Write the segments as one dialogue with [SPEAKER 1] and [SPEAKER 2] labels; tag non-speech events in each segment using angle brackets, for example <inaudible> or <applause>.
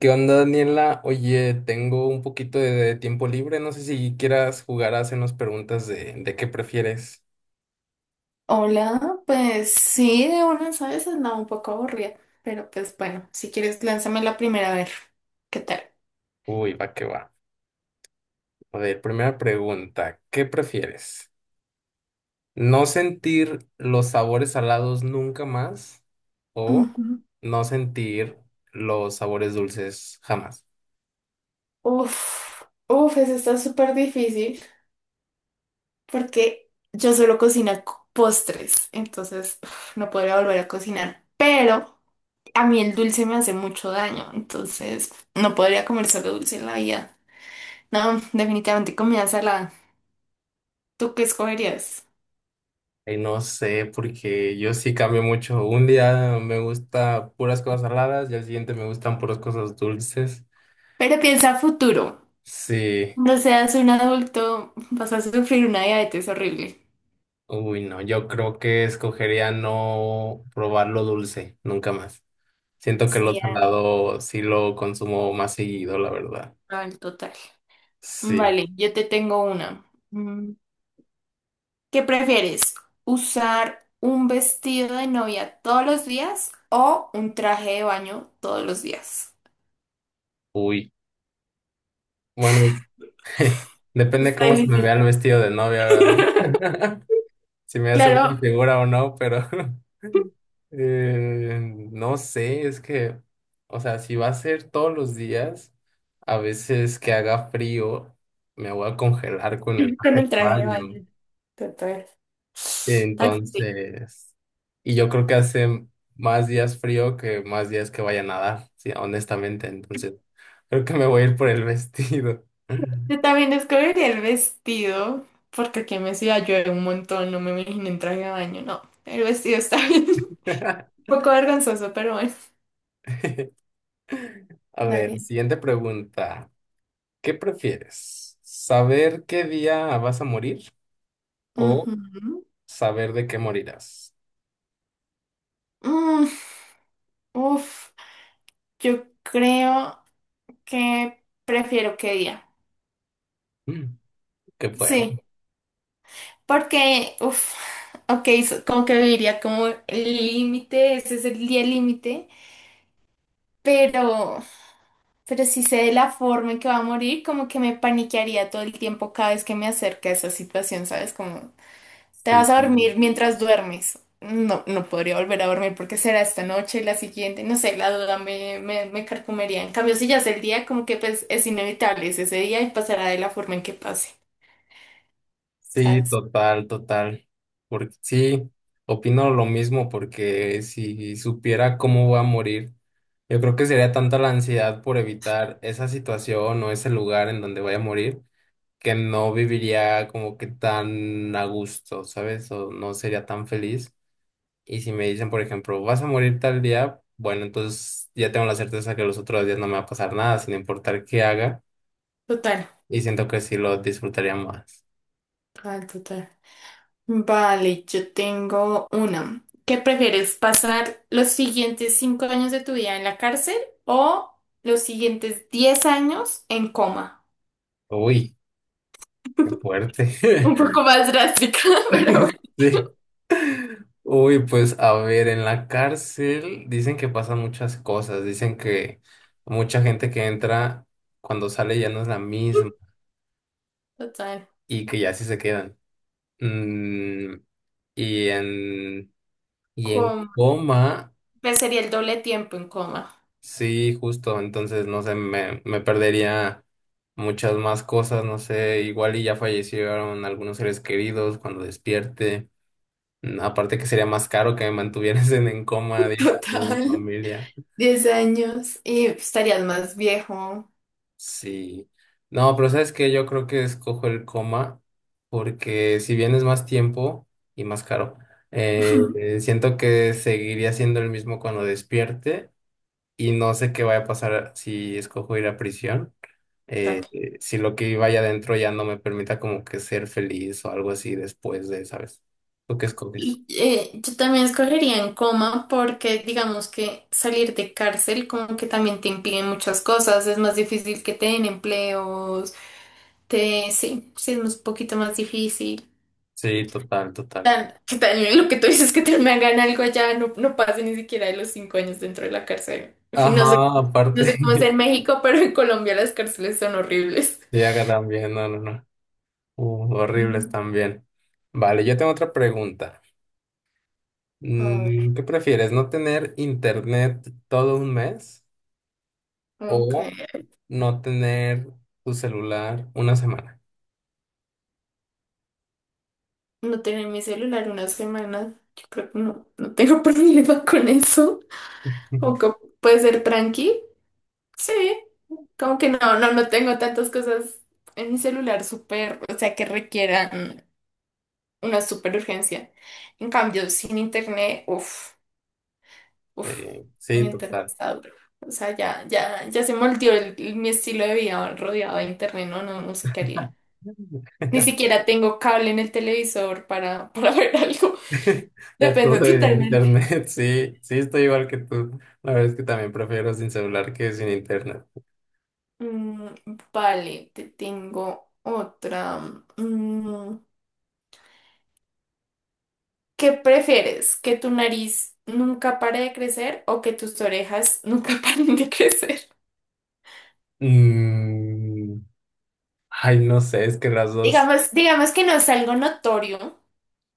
[SPEAKER 1] ¿Qué onda, Daniela? Oye, tengo un poquito de tiempo libre. No sé si quieras jugar a hacernos preguntas de qué prefieres.
[SPEAKER 2] Hola, pues sí, de una, ¿sabes? Andaba un poco aburrida, pero pues bueno, si quieres, lánzame la primera a ver. ¿Qué tal?
[SPEAKER 1] Uy, va que va. A ver, primera pregunta. ¿Qué prefieres? ¿No sentir los sabores salados nunca más o
[SPEAKER 2] Ujú.
[SPEAKER 1] no sentir los sabores dulces jamás?
[SPEAKER 2] Uf, uf, eso está súper difícil porque yo solo cocino postres, entonces no podría volver a cocinar, pero a mí el dulce me hace mucho daño, entonces no podría comer solo dulce en la vida. No, definitivamente comida salada. ¿Tú qué escogerías?
[SPEAKER 1] Y no sé, porque yo sí cambio mucho. Un día me gusta puras cosas saladas y al siguiente me gustan puras cosas dulces.
[SPEAKER 2] Pero piensa a futuro.
[SPEAKER 1] Sí.
[SPEAKER 2] Cuando seas un adulto, vas a sufrir una diabetes horrible.
[SPEAKER 1] Uy, no, yo creo que escogería no probar lo dulce, nunca más. Siento que lo
[SPEAKER 2] Sí,
[SPEAKER 1] salado sí lo consumo más seguido, la verdad.
[SPEAKER 2] al total.
[SPEAKER 1] Sí,
[SPEAKER 2] Vale, yo te tengo una. Mm, ¿Qué prefieres? ¿Usar un vestido de novia todos los días o un traje de baño todos los días?
[SPEAKER 1] uy. Bueno, <laughs> depende
[SPEAKER 2] Está
[SPEAKER 1] cómo se me vea
[SPEAKER 2] difícil.
[SPEAKER 1] el vestido de novia,
[SPEAKER 2] <laughs>
[SPEAKER 1] ¿verdad? <laughs> Si me hace una
[SPEAKER 2] Claro,
[SPEAKER 1] figura o no, pero <laughs> eh, no sé, es que, o sea, si va a ser todos los días, a veces que haga frío, me voy a congelar con el
[SPEAKER 2] con
[SPEAKER 1] traje
[SPEAKER 2] el
[SPEAKER 1] de
[SPEAKER 2] traje de
[SPEAKER 1] baño.
[SPEAKER 2] baño. Total. Está difícil.
[SPEAKER 1] Entonces, y yo creo que hace más días frío que más días que vaya a nadar, sí, honestamente. Entonces, creo que me voy a ir por el vestido.
[SPEAKER 2] Yo también escogería el vestido, porque aquí en mi ciudad llueve un montón, no me imagino en traje de baño, no. El vestido está bien. Un
[SPEAKER 1] <laughs>
[SPEAKER 2] poco vergonzoso, pero bueno.
[SPEAKER 1] A ver,
[SPEAKER 2] Dale.
[SPEAKER 1] siguiente pregunta. ¿Qué prefieres? ¿Saber qué día vas a morir o
[SPEAKER 2] Ujú.
[SPEAKER 1] saber de qué morirás?
[SPEAKER 2] Mm, uf, yo creo que prefiero que día.
[SPEAKER 1] Mm, qué fuerte.
[SPEAKER 2] Sí, porque, ok, como que viviría como el límite, ese es el día límite, pero, pero si sé de la forma en que va a morir, como que me paniquearía todo el tiempo cada vez que me acerque a esa situación, ¿sabes? Como ¿te vas
[SPEAKER 1] Sí.
[SPEAKER 2] a dormir mientras duermes? No, no podría volver a dormir porque será esta noche, la siguiente, no sé, la duda me carcomería. En cambio, si ya es el día, como que pues es inevitable, es ese día y pasará de la forma en que pase,
[SPEAKER 1] Sí,
[SPEAKER 2] ¿sabes?
[SPEAKER 1] total, total. Porque sí, opino lo mismo, porque si supiera cómo voy a morir, yo creo que sería tanta la ansiedad por evitar esa situación o ese lugar en donde voy a morir, que no viviría como que tan a gusto, ¿sabes? O no sería tan feliz. Y si me dicen, por ejemplo, vas a morir tal día, bueno, entonces ya tengo la certeza que los otros días no me va a pasar nada, sin importar qué haga,
[SPEAKER 2] Total,
[SPEAKER 1] y siento que sí lo disfrutaría más.
[SPEAKER 2] total, total. Vale, yo tengo una. ¿Qué prefieres, pasar los siguientes 5 años de tu vida en la cárcel o los siguientes 10 años en coma?
[SPEAKER 1] Uy, qué fuerte.
[SPEAKER 2] Un
[SPEAKER 1] <laughs>
[SPEAKER 2] poco más drástica, <laughs> pero
[SPEAKER 1] <laughs>
[SPEAKER 2] bueno,
[SPEAKER 1] Sí. Uy, pues a ver, en la cárcel dicen que pasan muchas cosas, dicen que mucha gente que entra cuando sale ya no es la misma
[SPEAKER 2] total.
[SPEAKER 1] y que ya sí se quedan. Mm, y en, y en coma,
[SPEAKER 2] Pues sería el doble tiempo en coma.
[SPEAKER 1] sí, justo, entonces no sé, me perdería muchas más cosas, no sé, igual y ya fallecieron algunos seres queridos cuando despierte. Aparte que sería más caro que me mantuvieras en coma
[SPEAKER 2] <laughs>
[SPEAKER 1] 10 años mi
[SPEAKER 2] Total.
[SPEAKER 1] familia.
[SPEAKER 2] Diez años y pues, estarías más viejo.
[SPEAKER 1] Sí. No, pero sabes que yo creo que escojo el coma porque si bien es más tiempo y más caro,
[SPEAKER 2] <laughs>
[SPEAKER 1] siento que seguiría siendo el mismo cuando despierte y no sé qué vaya a pasar si escojo ir a prisión,
[SPEAKER 2] Tal.
[SPEAKER 1] si lo que vaya adentro ya no me permita como que ser feliz o algo así después de, ¿sabes? ¿Tú qué escoges?
[SPEAKER 2] Yo también escogería en coma porque digamos que salir de cárcel como que también te impiden muchas cosas, es más difícil que te den empleos, te, sí es un poquito más difícil.
[SPEAKER 1] Sí, total, total.
[SPEAKER 2] Que también lo que tú dices que te me hagan algo allá no, no pase ni siquiera de los 5 años dentro de la cárcel. En fin, no sé,
[SPEAKER 1] Ajá, aparte,
[SPEAKER 2] no sé cómo es en
[SPEAKER 1] <laughs>
[SPEAKER 2] México, pero en Colombia las cárceles son horribles.
[SPEAKER 1] sí, acá también, no, no, no. Horribles
[SPEAKER 2] Mm.
[SPEAKER 1] también. Vale, yo tengo otra pregunta.
[SPEAKER 2] A ver,
[SPEAKER 1] ¿Qué prefieres? ¿No tener internet todo un mes
[SPEAKER 2] ok.
[SPEAKER 1] o no tener tu celular una semana?
[SPEAKER 2] No tener mi celular una semana, yo creo que no, no tengo <laughs> problema con eso.
[SPEAKER 1] <laughs>
[SPEAKER 2] O que puede ser tranqui. Sí, como que no, no tengo tantas cosas en mi celular súper, o sea, que requieran una súper urgencia. En cambio, sin internet, uff,
[SPEAKER 1] Sí,
[SPEAKER 2] sin
[SPEAKER 1] sí,
[SPEAKER 2] internet
[SPEAKER 1] total.
[SPEAKER 2] está duro. O sea, ya se moldeó mi estilo de vida rodeado de internet, no, no sé qué haría. Ni siquiera tengo cable en el televisor para <laughs> ver algo.
[SPEAKER 1] <laughs> Ya todo
[SPEAKER 2] Depende
[SPEAKER 1] de
[SPEAKER 2] totalmente.
[SPEAKER 1] internet, <laughs> sí, sí, estoy igual que tú. La verdad es que también prefiero sin celular que sin internet.
[SPEAKER 2] Mm, vale, te tengo otra. Mm, ¿Qué prefieres? ¿Que tu nariz nunca pare de crecer o que tus orejas nunca <laughs> paren de crecer?
[SPEAKER 1] Mm, ay, no sé, es que las dos.
[SPEAKER 2] Digamos, digamos que no es algo notorio.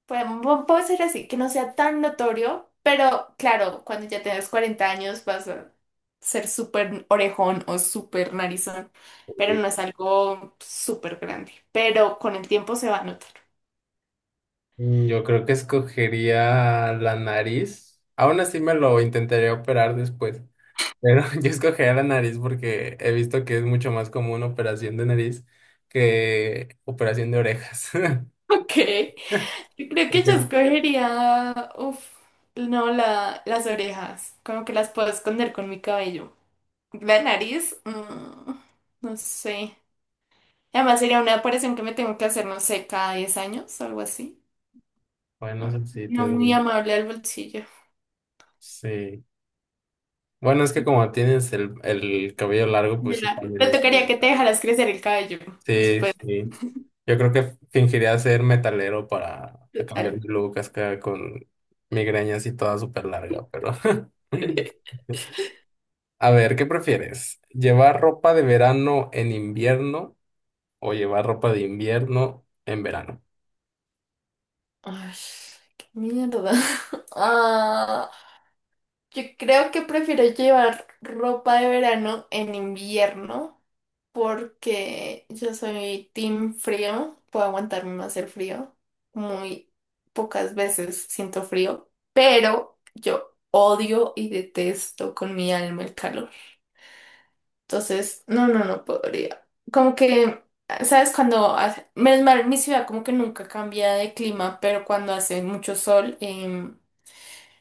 [SPEAKER 2] Podemos, puede ser así, que no sea tan notorio, pero claro, cuando ya tengas 40 años vas a ser súper orejón o súper narizón, pero
[SPEAKER 1] Uy.
[SPEAKER 2] no es algo súper grande, pero con el tiempo se va a notar. <laughs>
[SPEAKER 1] Yo creo que escogería la nariz. Aún así me lo intentaría operar después. Pero <laughs> yo escogería la nariz porque he visto que es mucho más común operación de nariz que operación de orejas. <laughs>
[SPEAKER 2] Ok, yo creo que
[SPEAKER 1] Porque
[SPEAKER 2] yo escogería, no, las orejas, como que las puedo esconder con mi cabello. La nariz, no sé. Además sería una operación que me tengo que hacer, no sé, cada 10 años, algo así.
[SPEAKER 1] bueno, eso sí,
[SPEAKER 2] No muy amable al bolsillo.
[SPEAKER 1] sí. Bueno, es que como tienes el cabello largo, pues
[SPEAKER 2] De
[SPEAKER 1] sí,
[SPEAKER 2] labio.
[SPEAKER 1] también
[SPEAKER 2] Te
[SPEAKER 1] es una
[SPEAKER 2] tocaría que te
[SPEAKER 1] ventaja.
[SPEAKER 2] dejaras crecer el cabello. Eso
[SPEAKER 1] Sí, sí. Yo creo que fingiría ser metalero para cambiar
[SPEAKER 2] total.
[SPEAKER 1] mi look acá con migrañas y toda súper larga, pero... <laughs> A ver, ¿qué prefieres? ¿Llevar ropa de verano en invierno o llevar ropa de invierno en verano?
[SPEAKER 2] Ay, qué mierda. <laughs> Ah, yo creo que prefiero llevar ropa de verano en invierno porque yo soy team frío. Puedo aguantarme más el frío. Muy pocas veces siento frío, pero yo odio y detesto con mi alma el calor. Entonces, no, no podría. Como que, ¿sabes? Menos mal, mi ciudad como que nunca cambia de clima, pero cuando hace mucho sol,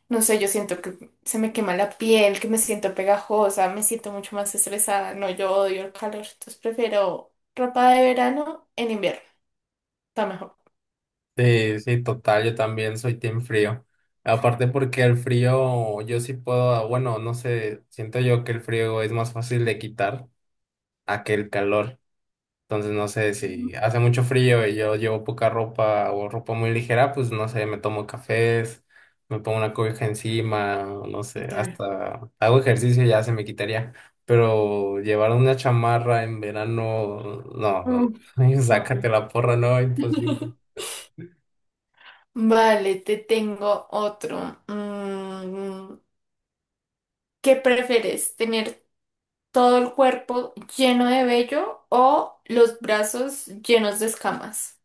[SPEAKER 2] no sé, yo siento que se me quema la piel, que me siento pegajosa, me siento mucho más estresada. No, yo odio el calor, entonces prefiero ropa de verano en invierno. Está mejor.
[SPEAKER 1] Sí, sí, total, yo también soy team frío. Aparte porque el frío, yo sí puedo, bueno, no sé, siento yo que el frío es más fácil de quitar a que el calor. Entonces no sé si
[SPEAKER 2] Ujú,
[SPEAKER 1] hace mucho frío y yo llevo poca ropa o ropa muy ligera, pues no sé, me tomo cafés, me pongo una cobija encima, o no sé,
[SPEAKER 2] total.
[SPEAKER 1] hasta hago ejercicio y ya se me quitaría. Pero llevar una chamarra en verano, no, no,
[SPEAKER 2] Mm,
[SPEAKER 1] <laughs> no,
[SPEAKER 2] horrible.
[SPEAKER 1] sácate la porra, no, imposible.
[SPEAKER 2] <laughs> Vale, te tengo otro. ¿Qué prefieres? ¿Tener todo el cuerpo lleno de vello o los brazos llenos de escamas?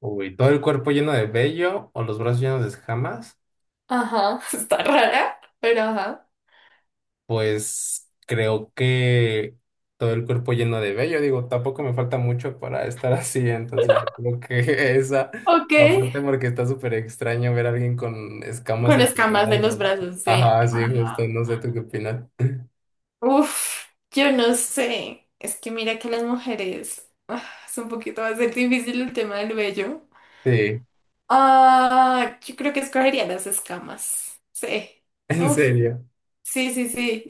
[SPEAKER 1] Uy, todo el cuerpo lleno de vello o los brazos llenos de escamas.
[SPEAKER 2] Ajá, <laughs> está rara, pero ajá.
[SPEAKER 1] Pues creo que todo el cuerpo lleno de vello, digo, tampoco me falta mucho para estar <laughs> así, entonces yo creo que <laughs> esa
[SPEAKER 2] Ok.
[SPEAKER 1] la parte porque está súper extraño ver a alguien con escamas
[SPEAKER 2] Con
[SPEAKER 1] en los
[SPEAKER 2] escamas de los
[SPEAKER 1] brazos.
[SPEAKER 2] brazos de...
[SPEAKER 1] Ajá, sí, justo,
[SPEAKER 2] Ah,
[SPEAKER 1] no sé tú qué opinas.
[SPEAKER 2] uf, yo no sé. Es que mira que las mujeres... ah, es un poquito, va a ser difícil el tema del vello.
[SPEAKER 1] Sí,
[SPEAKER 2] Ah, yo creo que escogería las escamas. Sí.
[SPEAKER 1] en
[SPEAKER 2] Uf,
[SPEAKER 1] serio.
[SPEAKER 2] sí, sí.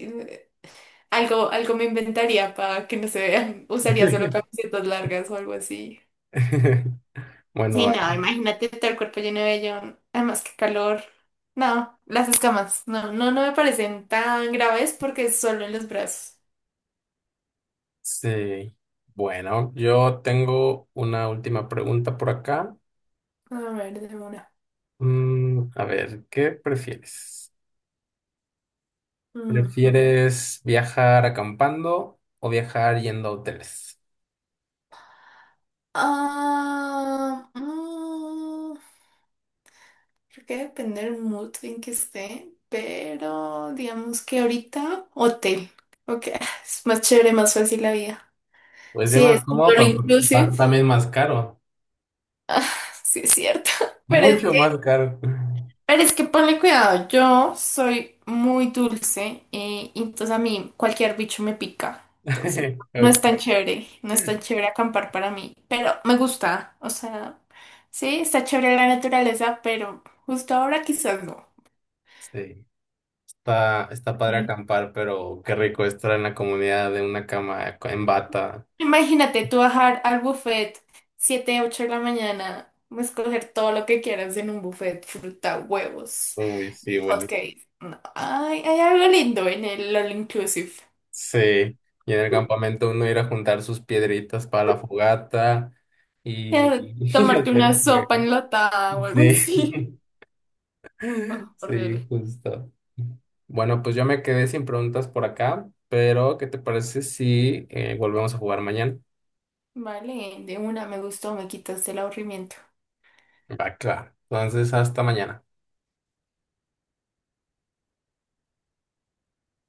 [SPEAKER 2] Algo, algo me inventaría para que no se vean. Usaría solo
[SPEAKER 1] <laughs>
[SPEAKER 2] camisetas largas o algo así.
[SPEAKER 1] Bueno,
[SPEAKER 2] Sí, no,
[SPEAKER 1] ah,
[SPEAKER 2] imagínate todo el cuerpo lleno de vellón. Además, qué calor. No, las escamas. No, no me parecen tan graves porque es solo en los brazos.
[SPEAKER 1] sí. Bueno, yo tengo una última pregunta por acá.
[SPEAKER 2] A ver, de una.
[SPEAKER 1] A ver, ¿qué prefieres?
[SPEAKER 2] Ujú.
[SPEAKER 1] ¿Prefieres viajar acampando o viajar yendo a hoteles?
[SPEAKER 2] Ah, mm, creo que depende del mood en que esté, pero digamos que ahorita hotel. Ok, es más chévere, más fácil la vida.
[SPEAKER 1] Pues es
[SPEAKER 2] Sí,
[SPEAKER 1] más
[SPEAKER 2] es un
[SPEAKER 1] cómodo,
[SPEAKER 2] all
[SPEAKER 1] pero
[SPEAKER 2] inclusive. <laughs>
[SPEAKER 1] también más caro.
[SPEAKER 2] Sí, es cierto. <laughs> Pero es
[SPEAKER 1] Mucho más caro.
[SPEAKER 2] pero es que ponle cuidado, yo soy muy dulce y entonces a mí cualquier bicho me pica. Entonces
[SPEAKER 1] <laughs>
[SPEAKER 2] no es
[SPEAKER 1] Ok,
[SPEAKER 2] tan chévere, no es tan chévere acampar para mí, pero me gusta, o sea, sí, está chévere la naturaleza, pero justo ahora quizás no.
[SPEAKER 1] sí, está, está padre
[SPEAKER 2] Sí.
[SPEAKER 1] acampar, pero qué rico estar en la comunidad de una cama en bata.
[SPEAKER 2] Imagínate tú bajar al buffet 7 u 8 de la mañana, escoger todo lo que quieras en un buffet, fruta, huevos,
[SPEAKER 1] Uy, sí,
[SPEAKER 2] hot
[SPEAKER 1] bueno.
[SPEAKER 2] cakes. No, ay, hay algo lindo en el all inclusive.
[SPEAKER 1] Sí, y en el campamento uno ir a juntar sus piedritas para la fogata y, <laughs> y
[SPEAKER 2] Tomarte
[SPEAKER 1] hacer
[SPEAKER 2] una sopa
[SPEAKER 1] fuego.
[SPEAKER 2] enlatada o algo así.
[SPEAKER 1] Sí.
[SPEAKER 2] <laughs> Oh,
[SPEAKER 1] Sí,
[SPEAKER 2] horrible.
[SPEAKER 1] justo. Bueno, pues yo me quedé sin preguntas por acá, pero ¿qué te parece si volvemos a jugar mañana?
[SPEAKER 2] Vale, de una me gustó, me quitaste el aburrimiento.
[SPEAKER 1] Va, claro. Entonces, hasta mañana.